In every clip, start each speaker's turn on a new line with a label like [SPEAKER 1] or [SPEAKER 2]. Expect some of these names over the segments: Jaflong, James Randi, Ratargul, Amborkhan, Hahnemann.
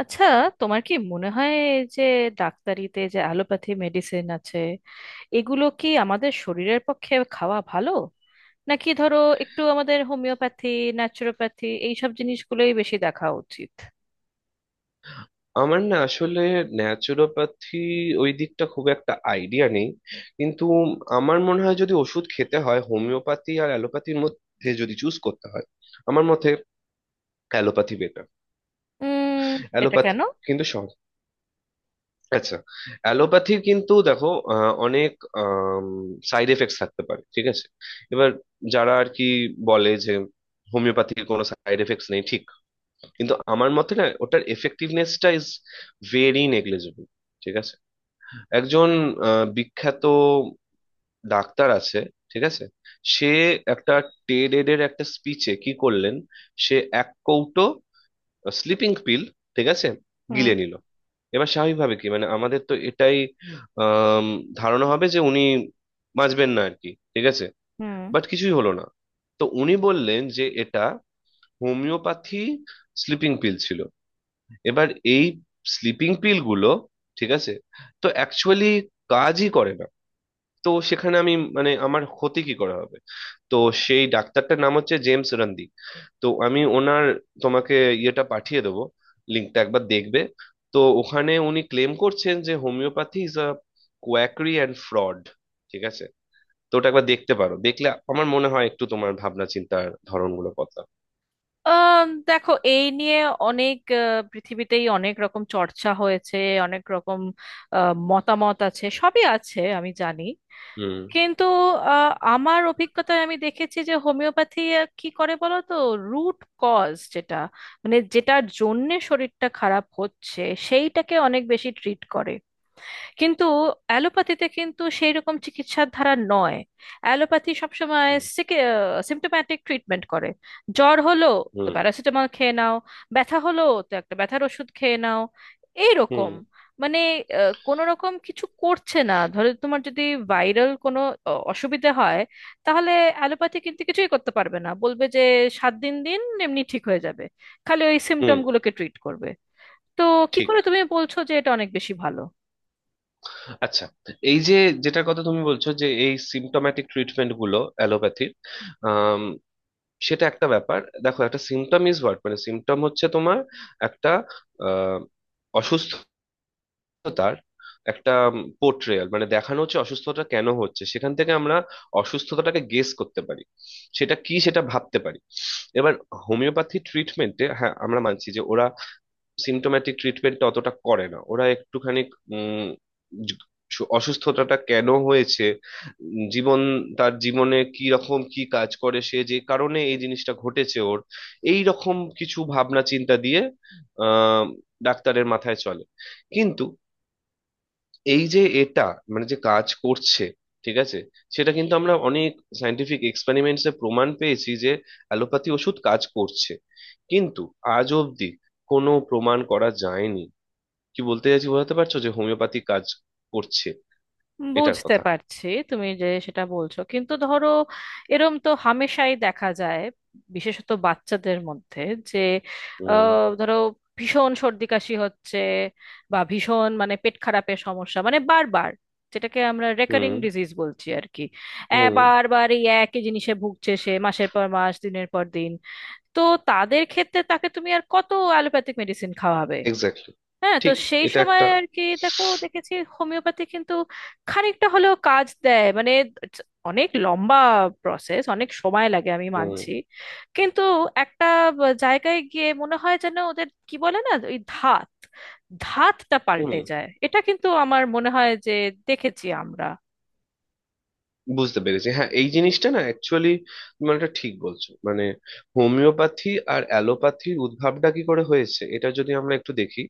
[SPEAKER 1] আচ্ছা, তোমার কি মনে হয় যে ডাক্তারিতে যে অ্যালোপ্যাথি মেডিসিন আছে এগুলো কি আমাদের শরীরের পক্ষে খাওয়া ভালো, নাকি ধরো একটু আমাদের হোমিওপ্যাথি, ন্যাচুরোপ্যাথি এইসব জিনিসগুলোই বেশি দেখা উচিত?
[SPEAKER 2] আমার না আসলে ন্যাচুরোপ্যাথি ওই দিকটা খুব একটা আইডিয়া নেই, কিন্তু আমার মনে হয় যদি ওষুধ খেতে হয়, হোমিওপ্যাথি আর অ্যালোপ্যাথির মধ্যে যদি চুজ করতে হয়, আমার মতে অ্যালোপ্যাথি বেটার।
[SPEAKER 1] উম এটা
[SPEAKER 2] অ্যালোপ্যাথি
[SPEAKER 1] কেন?
[SPEAKER 2] কিন্তু সব। আচ্ছা, অ্যালোপ্যাথির কিন্তু দেখো, অনেক সাইড এফেক্টস থাকতে পারে, ঠিক আছে? এবার যারা আর কি বলে যে হোমিওপ্যাথির কোনো সাইড এফেক্টস নেই, ঠিক। কিন্তু আমার মতে না, ওটার এফেক্টিভনেসটা ইজ ভেরি নেগলিজেবল। ঠিক আছে, একজন বিখ্যাত ডাক্তার আছে, ঠিক আছে। সে একটা টেড এর একটা স্পিচে কি করলেন, সে এক কৌটো স্লিপিং পিল, ঠিক আছে,
[SPEAKER 1] হুম।
[SPEAKER 2] গিলে নিল। এবার স্বাভাবিকভাবে কি মানে আমাদের তো এটাই আম, ধারণা হবে যে উনি বাঁচবেন না আর কি, ঠিক আছে।
[SPEAKER 1] হুম।
[SPEAKER 2] বাট কিছুই হলো না। তো উনি বললেন যে এটা হোমিওপ্যাথি স্লিপিং পিল ছিল। এবার এই স্লিপিং পিল গুলো, ঠিক আছে, তো অ্যাকচুয়ালি কাজই করে না। তো সেখানে আমি মানে আমার ক্ষতি কি করা হবে। তো সেই ডাক্তারটার নাম হচ্ছে জেমস রান্দি। তো আমি ওনার তোমাকে ইয়েটা পাঠিয়ে দেবো, লিঙ্কটা একবার দেখবে। তো ওখানে উনি ক্লেম করছেন যে homeopathy is a quackery and fraud, ঠিক আছে। তো ওটা একবার দেখতে পারো, দেখলে আমার মনে হয় একটু তোমার ভাবনা চিন্তার ধরনগুলো বদলাবে।
[SPEAKER 1] আহ, দেখো, এই নিয়ে অনেক পৃথিবীতেই অনেক রকম চর্চা হয়েছে, অনেক রকম মতামত আছে, সবই আছে, আমি জানি।
[SPEAKER 2] হুম,
[SPEAKER 1] কিন্তু আমার অভিজ্ঞতায় আমি দেখেছি যে হোমিওপ্যাথি কি করে বলো তো, রুট কজ যেটা, মানে যেটার জন্যে শরীরটা খারাপ হচ্ছে সেইটাকে অনেক বেশি ট্রিট করে। কিন্তু অ্যালোপ্যাথিতে কিন্তু সেই রকম চিকিৎসার ধারা নয়, অ্যালোপ্যাথি সবসময়
[SPEAKER 2] হুম,
[SPEAKER 1] সিমটোম্যাটিক ট্রিটমেন্ট করে। জ্বর হলো তো
[SPEAKER 2] হুম,
[SPEAKER 1] প্যারাসিটামল খেয়ে নাও, ব্যথা হলো তো একটা ব্যথার ওষুধ খেয়ে নাও,
[SPEAKER 2] হুম,
[SPEAKER 1] এইরকম। মানে কোন রকম কিছু করছে না, ধরো তোমার যদি ভাইরাল কোনো অসুবিধা হয়, তাহলে অ্যালোপ্যাথি কিন্তু কিছুই করতে পারবে না, বলবে যে সাত দিন দিন এমনি ঠিক হয়ে যাবে, খালি ওই
[SPEAKER 2] হুম।
[SPEAKER 1] সিমটম গুলোকে ট্রিট করবে। তো কি
[SPEAKER 2] ঠিক,
[SPEAKER 1] করে তুমি বলছো যে এটা অনেক বেশি ভালো?
[SPEAKER 2] আচ্ছা, এই যে যেটার কথা তুমি বলছো যে এই সিমটোম্যাটিক ট্রিটমেন্ট গুলো অ্যালোপ্যাথির, সেটা একটা ব্যাপার। দেখো, একটা সিম্পটম ইজ হোয়াট, মানে সিম্পটম হচ্ছে তোমার একটা আহ, অসুস্থতার একটা পোর্ট্রেয়াল, মানে দেখানো হচ্ছে অসুস্থতা কেন হচ্ছে, সেখান থেকে আমরা অসুস্থতাটাকে গেস করতে পারি, সেটা কি সেটা ভাবতে পারি। এবার হোমিওপ্যাথি ট্রিটমেন্টে হ্যাঁ আমরা মানছি যে ওরা সিমটোম্যাটিক ট্রিটমেন্টটা অতটা করে না, ওরা একটুখানি উম, জ- অসুস্থতাটা কেন হয়েছে, জীবন, তার জীবনে কি রকম কি কাজ করে সে, যে কারণে এই জিনিসটা ঘটেছে ওর, এই রকম কিছু ভাবনা চিন্তা দিয়ে আহ ডাক্তারের মাথায় চলে। কিন্তু এই যে এটা মানে যে কাজ করছে, ঠিক আছে, সেটা কিন্তু আমরা অনেক সায়েন্টিফিক এক্সপেরিমেন্টসে প্রমাণ পেয়েছি যে অ্যালোপ্যাথি ওষুধ কাজ করছে। কিন্তু আজ অবধি কোনো প্রমাণ করা যায়নি, কি বলতে চাইছি বোঝাতে পারছো, যে হোমিওপ্যাথি কাজ করছে এটার
[SPEAKER 1] বুঝতে
[SPEAKER 2] কথা।
[SPEAKER 1] পারছি তুমি যে সেটা বলছো, কিন্তু ধরো, এরম তো হামেশাই দেখা যায়, বিশেষত বাচ্চাদের মধ্যে, যে
[SPEAKER 2] হুম,
[SPEAKER 1] ধরো ভীষণ সর্দি কাশি হচ্ছে, বা ভীষণ মানে পেট খারাপের সমস্যা, মানে বারবার, যেটাকে আমরা
[SPEAKER 2] হুম,
[SPEAKER 1] রেকারিং ডিজিজ বলছি আর কি,
[SPEAKER 2] হুম।
[SPEAKER 1] বারবার এই একই জিনিসে ভুগছে সে, মাসের পর মাস, দিনের পর দিন। তো তাদের ক্ষেত্রে তাকে তুমি আর কত অ্যালোপ্যাথিক মেডিসিন খাওয়াবে?
[SPEAKER 2] এক্স্যাক্টলি।
[SPEAKER 1] হ্যাঁ, তো
[SPEAKER 2] ঠিক,
[SPEAKER 1] সেই
[SPEAKER 2] এটা
[SPEAKER 1] সময়
[SPEAKER 2] একটা।
[SPEAKER 1] আর কি, দেখো দেখেছি হোমিওপ্যাথি কিন্তু খানিকটা হলেও কাজ দেয়। মানে it's অনেক লম্বা প্রসেস, অনেক সময় লাগে, আমি
[SPEAKER 2] হুম,
[SPEAKER 1] মানছি, কিন্তু একটা জায়গায় গিয়ে মনে হয় যেন ওদের কি বলে না, ওই ধাত, ধাতটা
[SPEAKER 2] হুম,
[SPEAKER 1] পাল্টে যায়। এটা কিন্তু আমার মনে হয় যে দেখেছি আমরা।
[SPEAKER 2] বুঝতে পেরেছি। হ্যাঁ, এই জিনিসটা না অ্যাকচুয়ালি মানে এটা ঠিক বলছো মানে, হোমিওপ্যাথি আর অ্যালোপ্যাথির উদ্ভবটা কি করে হয়েছে এটা যদি আমরা একটু দেখি,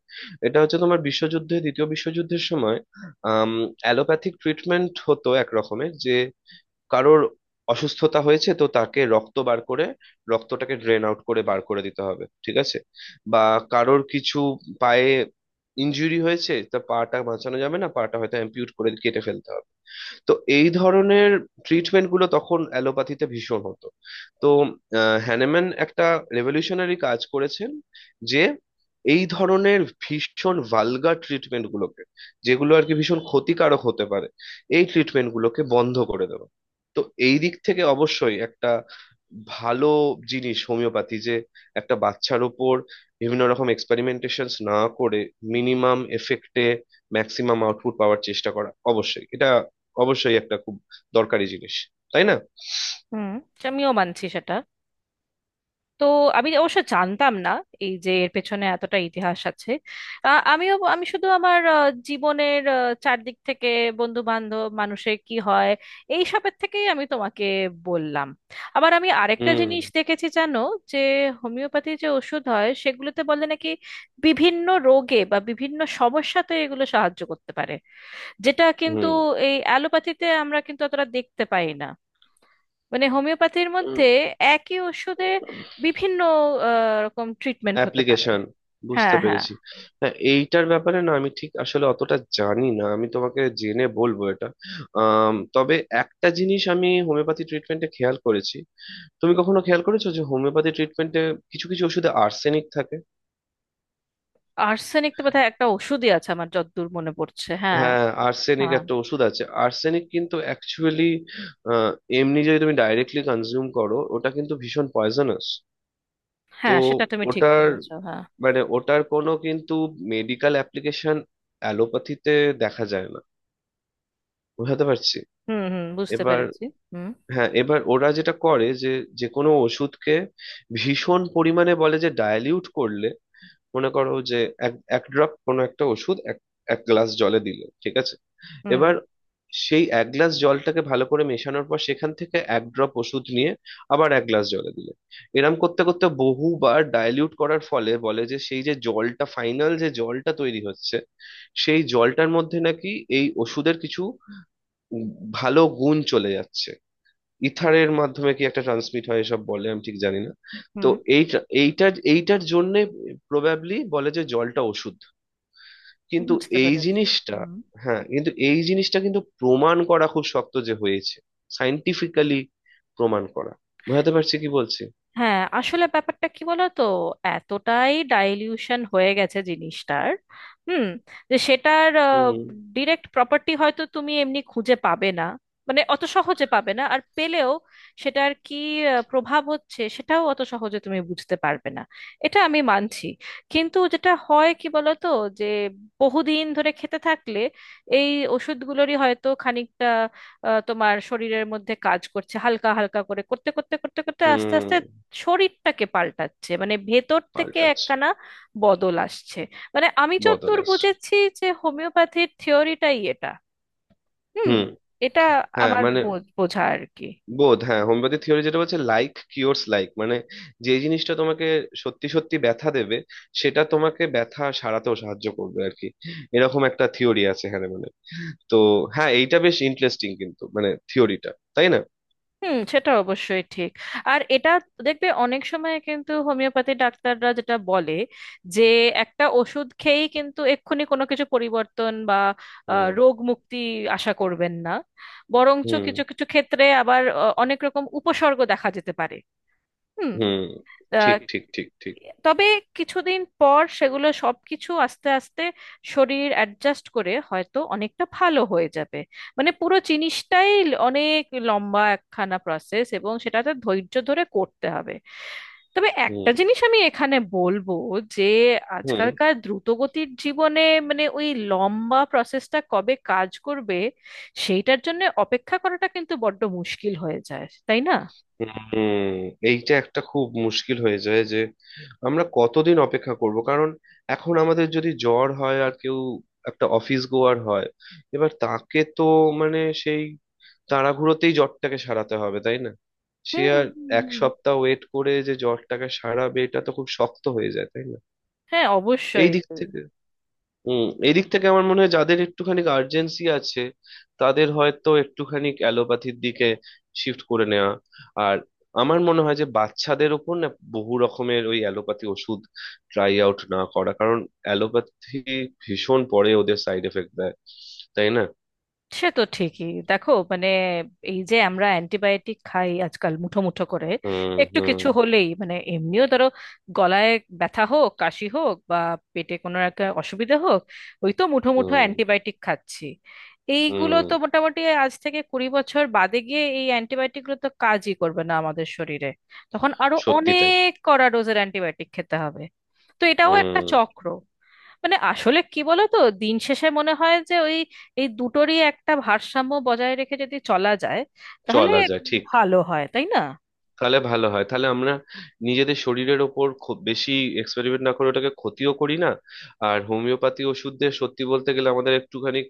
[SPEAKER 2] এটা হচ্ছে তোমার বিশ্বযুদ্ধে দ্বিতীয় বিশ্বযুদ্ধের সময়, আম অ্যালোপ্যাথিক ট্রিটমেন্ট হতো এক রকমের, যে কারোর অসুস্থতা হয়েছে তো তাকে রক্ত বার করে, রক্তটাকে ড্রেন আউট করে বার করে দিতে হবে, ঠিক আছে। বা কারোর কিছু পায়ে ইনজুরি হয়েছে, তা পাটা বাঁচানো যাবে না, পাটা হয়তো অ্যাম্পিউট করে কেটে ফেলতে হবে। তো এই ধরনের ট্রিটমেন্ট গুলো তখন অ্যালোপ্যাথিতে ভীষণ হতো। তো হ্যানেম্যান একটা রেভলিউশনারি কাজ করেছেন, যে এই ধরনের ভীষণ ভালগার ট্রিটমেন্ট গুলোকে, যেগুলো আর কি ভীষণ ক্ষতিকারক হতে পারে, এই ট্রিটমেন্ট গুলোকে বন্ধ করে দেওয়া। তো এই দিক থেকে অবশ্যই একটা ভালো জিনিস হোমিওপ্যাথি, যে একটা বাচ্চার ওপর বিভিন্ন রকম এক্সপেরিমেন্টেশন না করে মিনিমাম এফেক্টে ম্যাক্সিমাম আউটপুট পাওয়ার চেষ্টা করা, অবশ্যই এটা অবশ্যই একটা খুব দরকারি জিনিস, তাই না?
[SPEAKER 1] হুম, আমিও মানছি সেটা। তো আমি অবশ্য জানতাম না এই যে এর পেছনে এতটা ইতিহাস আছে। আমিও আমি শুধু আমার জীবনের, চারদিক থেকে, বন্ধু বান্ধব মানুষের কি হয়, এই সবের থেকেই আমি তোমাকে বললাম। আবার আমি আরেকটা
[SPEAKER 2] হুম,
[SPEAKER 1] জিনিস দেখেছি জানো, যে হোমিওপ্যাথি যে ওষুধ হয় সেগুলোতে বলে নাকি বিভিন্ন রোগে বা বিভিন্ন সমস্যাতে এগুলো সাহায্য করতে পারে, যেটা কিন্তু
[SPEAKER 2] হুম।
[SPEAKER 1] এই অ্যালোপ্যাথিতে আমরা কিন্তু অতটা দেখতে পাই না। মানে হোমিওপ্যাথির মধ্যে একই ওষুধে বিভিন্ন রকম ট্রিটমেন্ট হতে পারে।
[SPEAKER 2] অ্যাপ্লিকেশন,
[SPEAKER 1] হ্যাঁ
[SPEAKER 2] বুঝতে
[SPEAKER 1] হ্যাঁ।
[SPEAKER 2] পেরেছি। হ্যাঁ, এইটার ব্যাপারে না আমি ঠিক আসলে অতটা জানি না, আমি তোমাকে জেনে বলবো এটা। তবে একটা জিনিস আমি হোমিওপ্যাথি ট্রিটমেন্টে খেয়াল করেছি, তুমি কখনো খেয়াল করেছো যে হোমিওপ্যাথি ট্রিটমেন্টে কিছু কিছু ওষুধে আর্সেনিক থাকে?
[SPEAKER 1] আর্সেনিক তো বোধহয় একটা ওষুধই আছে আমার যতদূর মনে পড়ছে, হ্যাঁ।
[SPEAKER 2] হ্যাঁ, আর্সেনিক
[SPEAKER 1] হ্যাঁ।
[SPEAKER 2] একটা ওষুধ আছে, আর্সেনিক কিন্তু অ্যাকচুয়ালি এমনি যদি তুমি ডাইরেক্টলি কনজিউম করো, ওটা কিন্তু ভীষণ পয়জনাস। তো
[SPEAKER 1] হ্যাঁ, সেটা তুমি ঠিক
[SPEAKER 2] ওটার
[SPEAKER 1] বলেছো, হ্যাঁ।
[SPEAKER 2] মানে ওটার কোনো কিন্তু মেডিকেল অ্যাপ্লিকেশন অ্যালোপ্যাথিতে দেখা যায় না, বুঝাতে পারছি।
[SPEAKER 1] হুম হুম, বুঝতে
[SPEAKER 2] এবার
[SPEAKER 1] পেরেছি। হুম।
[SPEAKER 2] হ্যাঁ, এবার ওরা যেটা করে যে যে কোনো ওষুধকে ভীষণ পরিমাণে বলে যে ডাইলিউট করলে, মনে করো যে এক এক ড্রপ কোনো একটা ওষুধ এক এক গ্লাস জলে দিলে, ঠিক আছে।
[SPEAKER 1] হুম
[SPEAKER 2] এবার সেই এক গ্লাস জলটাকে ভালো করে মেশানোর পর সেখান থেকে এক ড্রপ ওষুধ নিয়ে আবার এক গ্লাস জলে দিলে, এরম করতে করতে বহুবার ডাইলিউট করার ফলে বলে যে সেই যে জলটা ফাইনাল যে জলটা তৈরি হচ্ছে, সেই জলটার মধ্যে নাকি এই ওষুধের কিছু ভালো গুণ চলে যাচ্ছে। ইথারের মাধ্যমে কি একটা ট্রান্সমিট হয় এসব বলে, আমি ঠিক জানি না। তো
[SPEAKER 1] হুম,
[SPEAKER 2] এই এইটার এইটার জন্যে প্রবাবলি বলে যে জলটা ওষুধ। কিন্তু
[SPEAKER 1] বুঝতে
[SPEAKER 2] এই
[SPEAKER 1] পেরেছি।
[SPEAKER 2] জিনিসটা,
[SPEAKER 1] হুম।
[SPEAKER 2] হ্যাঁ কিন্তু এই জিনিসটা কিন্তু প্রমাণ করা খুব শক্ত যে হয়েছে, সাইন্টিফিক্যালি প্রমাণ করা, বুঝাতে পারছি কি বলছি।
[SPEAKER 1] হ্যাঁ আসলে ব্যাপারটা কি বলতো, এতটাই ডাইলিউশন হয়ে গেছে জিনিসটার, হুম, যে সেটার
[SPEAKER 2] হুম,
[SPEAKER 1] ডিরেক্ট প্রপার্টি হয়তো তুমি এমনি খুঁজে পাবে না, মানে অত সহজে পাবে না। আর পেলেও সেটার কি প্রভাব হচ্ছে সেটাও অত সহজে তুমি বুঝতে পারবে না, এটা আমি মানছি। কিন্তু যেটা হয় কি বলতো, যে বহুদিন ধরে খেতে থাকলে এই ওষুধগুলোরই হয়তো খানিকটা তোমার শরীরের মধ্যে কাজ করছে, হালকা হালকা করে, করতে করতে করতে করতে আস্তে
[SPEAKER 2] হুম।
[SPEAKER 1] আস্তে শরীরটাকে পাল্টাচ্ছে, মানে ভেতর থেকে
[SPEAKER 2] পাল্টাচ্ছে,
[SPEAKER 1] একখানা বদল আসছে। মানে আমি
[SPEAKER 2] বদল
[SPEAKER 1] যতদূর
[SPEAKER 2] আসছে।
[SPEAKER 1] বুঝেছি যে হোমিওপ্যাথির থিওরিটাই এটা। হুম।
[SPEAKER 2] হুম।
[SPEAKER 1] এটা
[SPEAKER 2] হ্যাঁ
[SPEAKER 1] আমার
[SPEAKER 2] মানে
[SPEAKER 1] বোঝা আর কি।
[SPEAKER 2] বোধ, হ্যাঁ হোমিওপ্যাথি থিওরি যেটা বলছে, লাইক কিওরস লাইক, মানে যে জিনিসটা তোমাকে সত্যি সত্যি ব্যথা দেবে, সেটা তোমাকে ব্যথা সারাতেও সাহায্য করবে আর কি। এরকম একটা থিওরি আছে এখানে মানে। তো হ্যাঁ, এইটা বেশ ইন্টারেস্টিং কিন্তু মানে থিওরিটা, তাই না?
[SPEAKER 1] হুম, সেটা অবশ্যই ঠিক। আর এটা দেখবে অনেক সময় কিন্তু হোমিওপ্যাথি ডাক্তাররা যেটা বলে, যে একটা ওষুধ খেয়েই কিন্তু এক্ষুনি কোনো কিছু পরিবর্তন বা
[SPEAKER 2] হুম,
[SPEAKER 1] রোগ মুক্তি আশা করবেন না, বরঞ্চ
[SPEAKER 2] হুম,
[SPEAKER 1] কিছু কিছু ক্ষেত্রে আবার অনেক রকম উপসর্গ দেখা যেতে পারে। হুম।
[SPEAKER 2] হুম। ঠিক,
[SPEAKER 1] আহ,
[SPEAKER 2] ঠিক, ঠিক, ঠিক।
[SPEAKER 1] তবে কিছুদিন পর সেগুলো সবকিছু আস্তে আস্তে শরীর অ্যাডজাস্ট করে হয়তো অনেকটা ভালো হয়ে যাবে। মানে পুরো জিনিসটাই অনেক লম্বা একখানা প্রসেস, এবং সেটাতে ধৈর্য ধরে করতে হবে। তবে একটা
[SPEAKER 2] হুম,
[SPEAKER 1] জিনিস আমি এখানে বলবো, যে
[SPEAKER 2] হুম,
[SPEAKER 1] আজকালকার দ্রুতগতির জীবনে, মানে ওই লম্বা প্রসেসটা কবে কাজ করবে সেইটার জন্য অপেক্ষা করাটা কিন্তু বড্ড মুশকিল হয়ে যায়, তাই না?
[SPEAKER 2] হুম। এইটা একটা খুব মুশকিল হয়ে যায় যে আমরা কতদিন অপেক্ষা করব, কারণ এখন আমাদের যদি জ্বর হয় আর কেউ একটা অফিস গোয়ার হয়, এবার তাকে তো মানে সেই তাড়াহুড়োতেই জ্বরটাকে সারাতে হবে, তাই না? সে
[SPEAKER 1] হুম
[SPEAKER 2] আর
[SPEAKER 1] হুম।
[SPEAKER 2] এক
[SPEAKER 1] হুম।
[SPEAKER 2] সপ্তাহ ওয়েট করে যে জ্বরটাকে সারাবে, এটা তো খুব শক্ত হয়ে যায়, তাই না?
[SPEAKER 1] হ্যাঁ,
[SPEAKER 2] এই
[SPEAKER 1] অবশ্যই।
[SPEAKER 2] দিক থেকে, হুম, এদিক থেকে আমার মনে হয় যাদের একটুখানি আর্জেন্সি আছে, তাদের হয়তো একটুখানি অ্যালোপ্যাথির দিকে শিফট করে নেওয়া। আর আমার মনে হয় যে বাচ্চাদের ওপর না বহু রকমের ওই অ্যালোপ্যাথি ওষুধ ট্রাই আউট না করা, কারণ অ্যালোপ্যাথি ভীষণ পরে ওদের সাইড এফেক্ট দেয়, তাই না?
[SPEAKER 1] সে তো ঠিকই, দেখো মানে এই যে আমরা অ্যান্টিবায়োটিক খাই আজকাল মুঠো মুঠো করে,
[SPEAKER 2] হুম,
[SPEAKER 1] একটু
[SPEAKER 2] হুম,
[SPEAKER 1] কিছু হলেই, মানে এমনিও ধরো গলায় ব্যথা হোক, কাশি হোক, বা পেটে কোনো একটা অসুবিধা হোক, ওই তো মুঠো মুঠো
[SPEAKER 2] হুম,
[SPEAKER 1] অ্যান্টিবায়োটিক খাচ্ছি। এইগুলো
[SPEAKER 2] হুম।
[SPEAKER 1] তো মোটামুটি আজ থেকে 20 বছর বাদে গিয়ে এই অ্যান্টিবায়োটিকগুলো তো কাজই করবে না আমাদের শরীরে, তখন আরো
[SPEAKER 2] সত্যি তাই।
[SPEAKER 1] অনেক কড়া ডোজের অ্যান্টিবায়োটিক খেতে হবে। তো এটাও একটা
[SPEAKER 2] হুম,
[SPEAKER 1] চক্র। মানে আসলে কি বলো তো, দিন শেষে মনে হয় যে ওই এই দুটোরই একটা ভারসাম্য বজায় রেখে যদি চলা যায় তাহলে
[SPEAKER 2] চলা যায়, ঠিক।
[SPEAKER 1] ভালো হয়, তাই না?
[SPEAKER 2] তাহলে ভালো হয়, তাহলে আমরা নিজেদের শরীরের ওপর খুব বেশি এক্সপেরিমেন্ট না করে ওটাকে ক্ষতিও করি না। আর হোমিওপ্যাথি ওষুধদের সত্যি বলতে গেলে আমাদের একটুখানি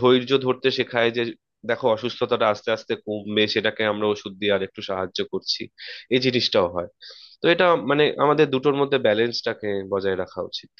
[SPEAKER 2] ধৈর্য ধরতে শেখায়, যে দেখো অসুস্থতাটা আস্তে আস্তে কমবে, সেটাকে আমরা ওষুধ দিয়ে আর একটু সাহায্য করছি, এই জিনিসটাও হয়। তো এটা মানে আমাদের দুটোর মধ্যে ব্যালেন্সটাকে বজায় রাখা উচিত।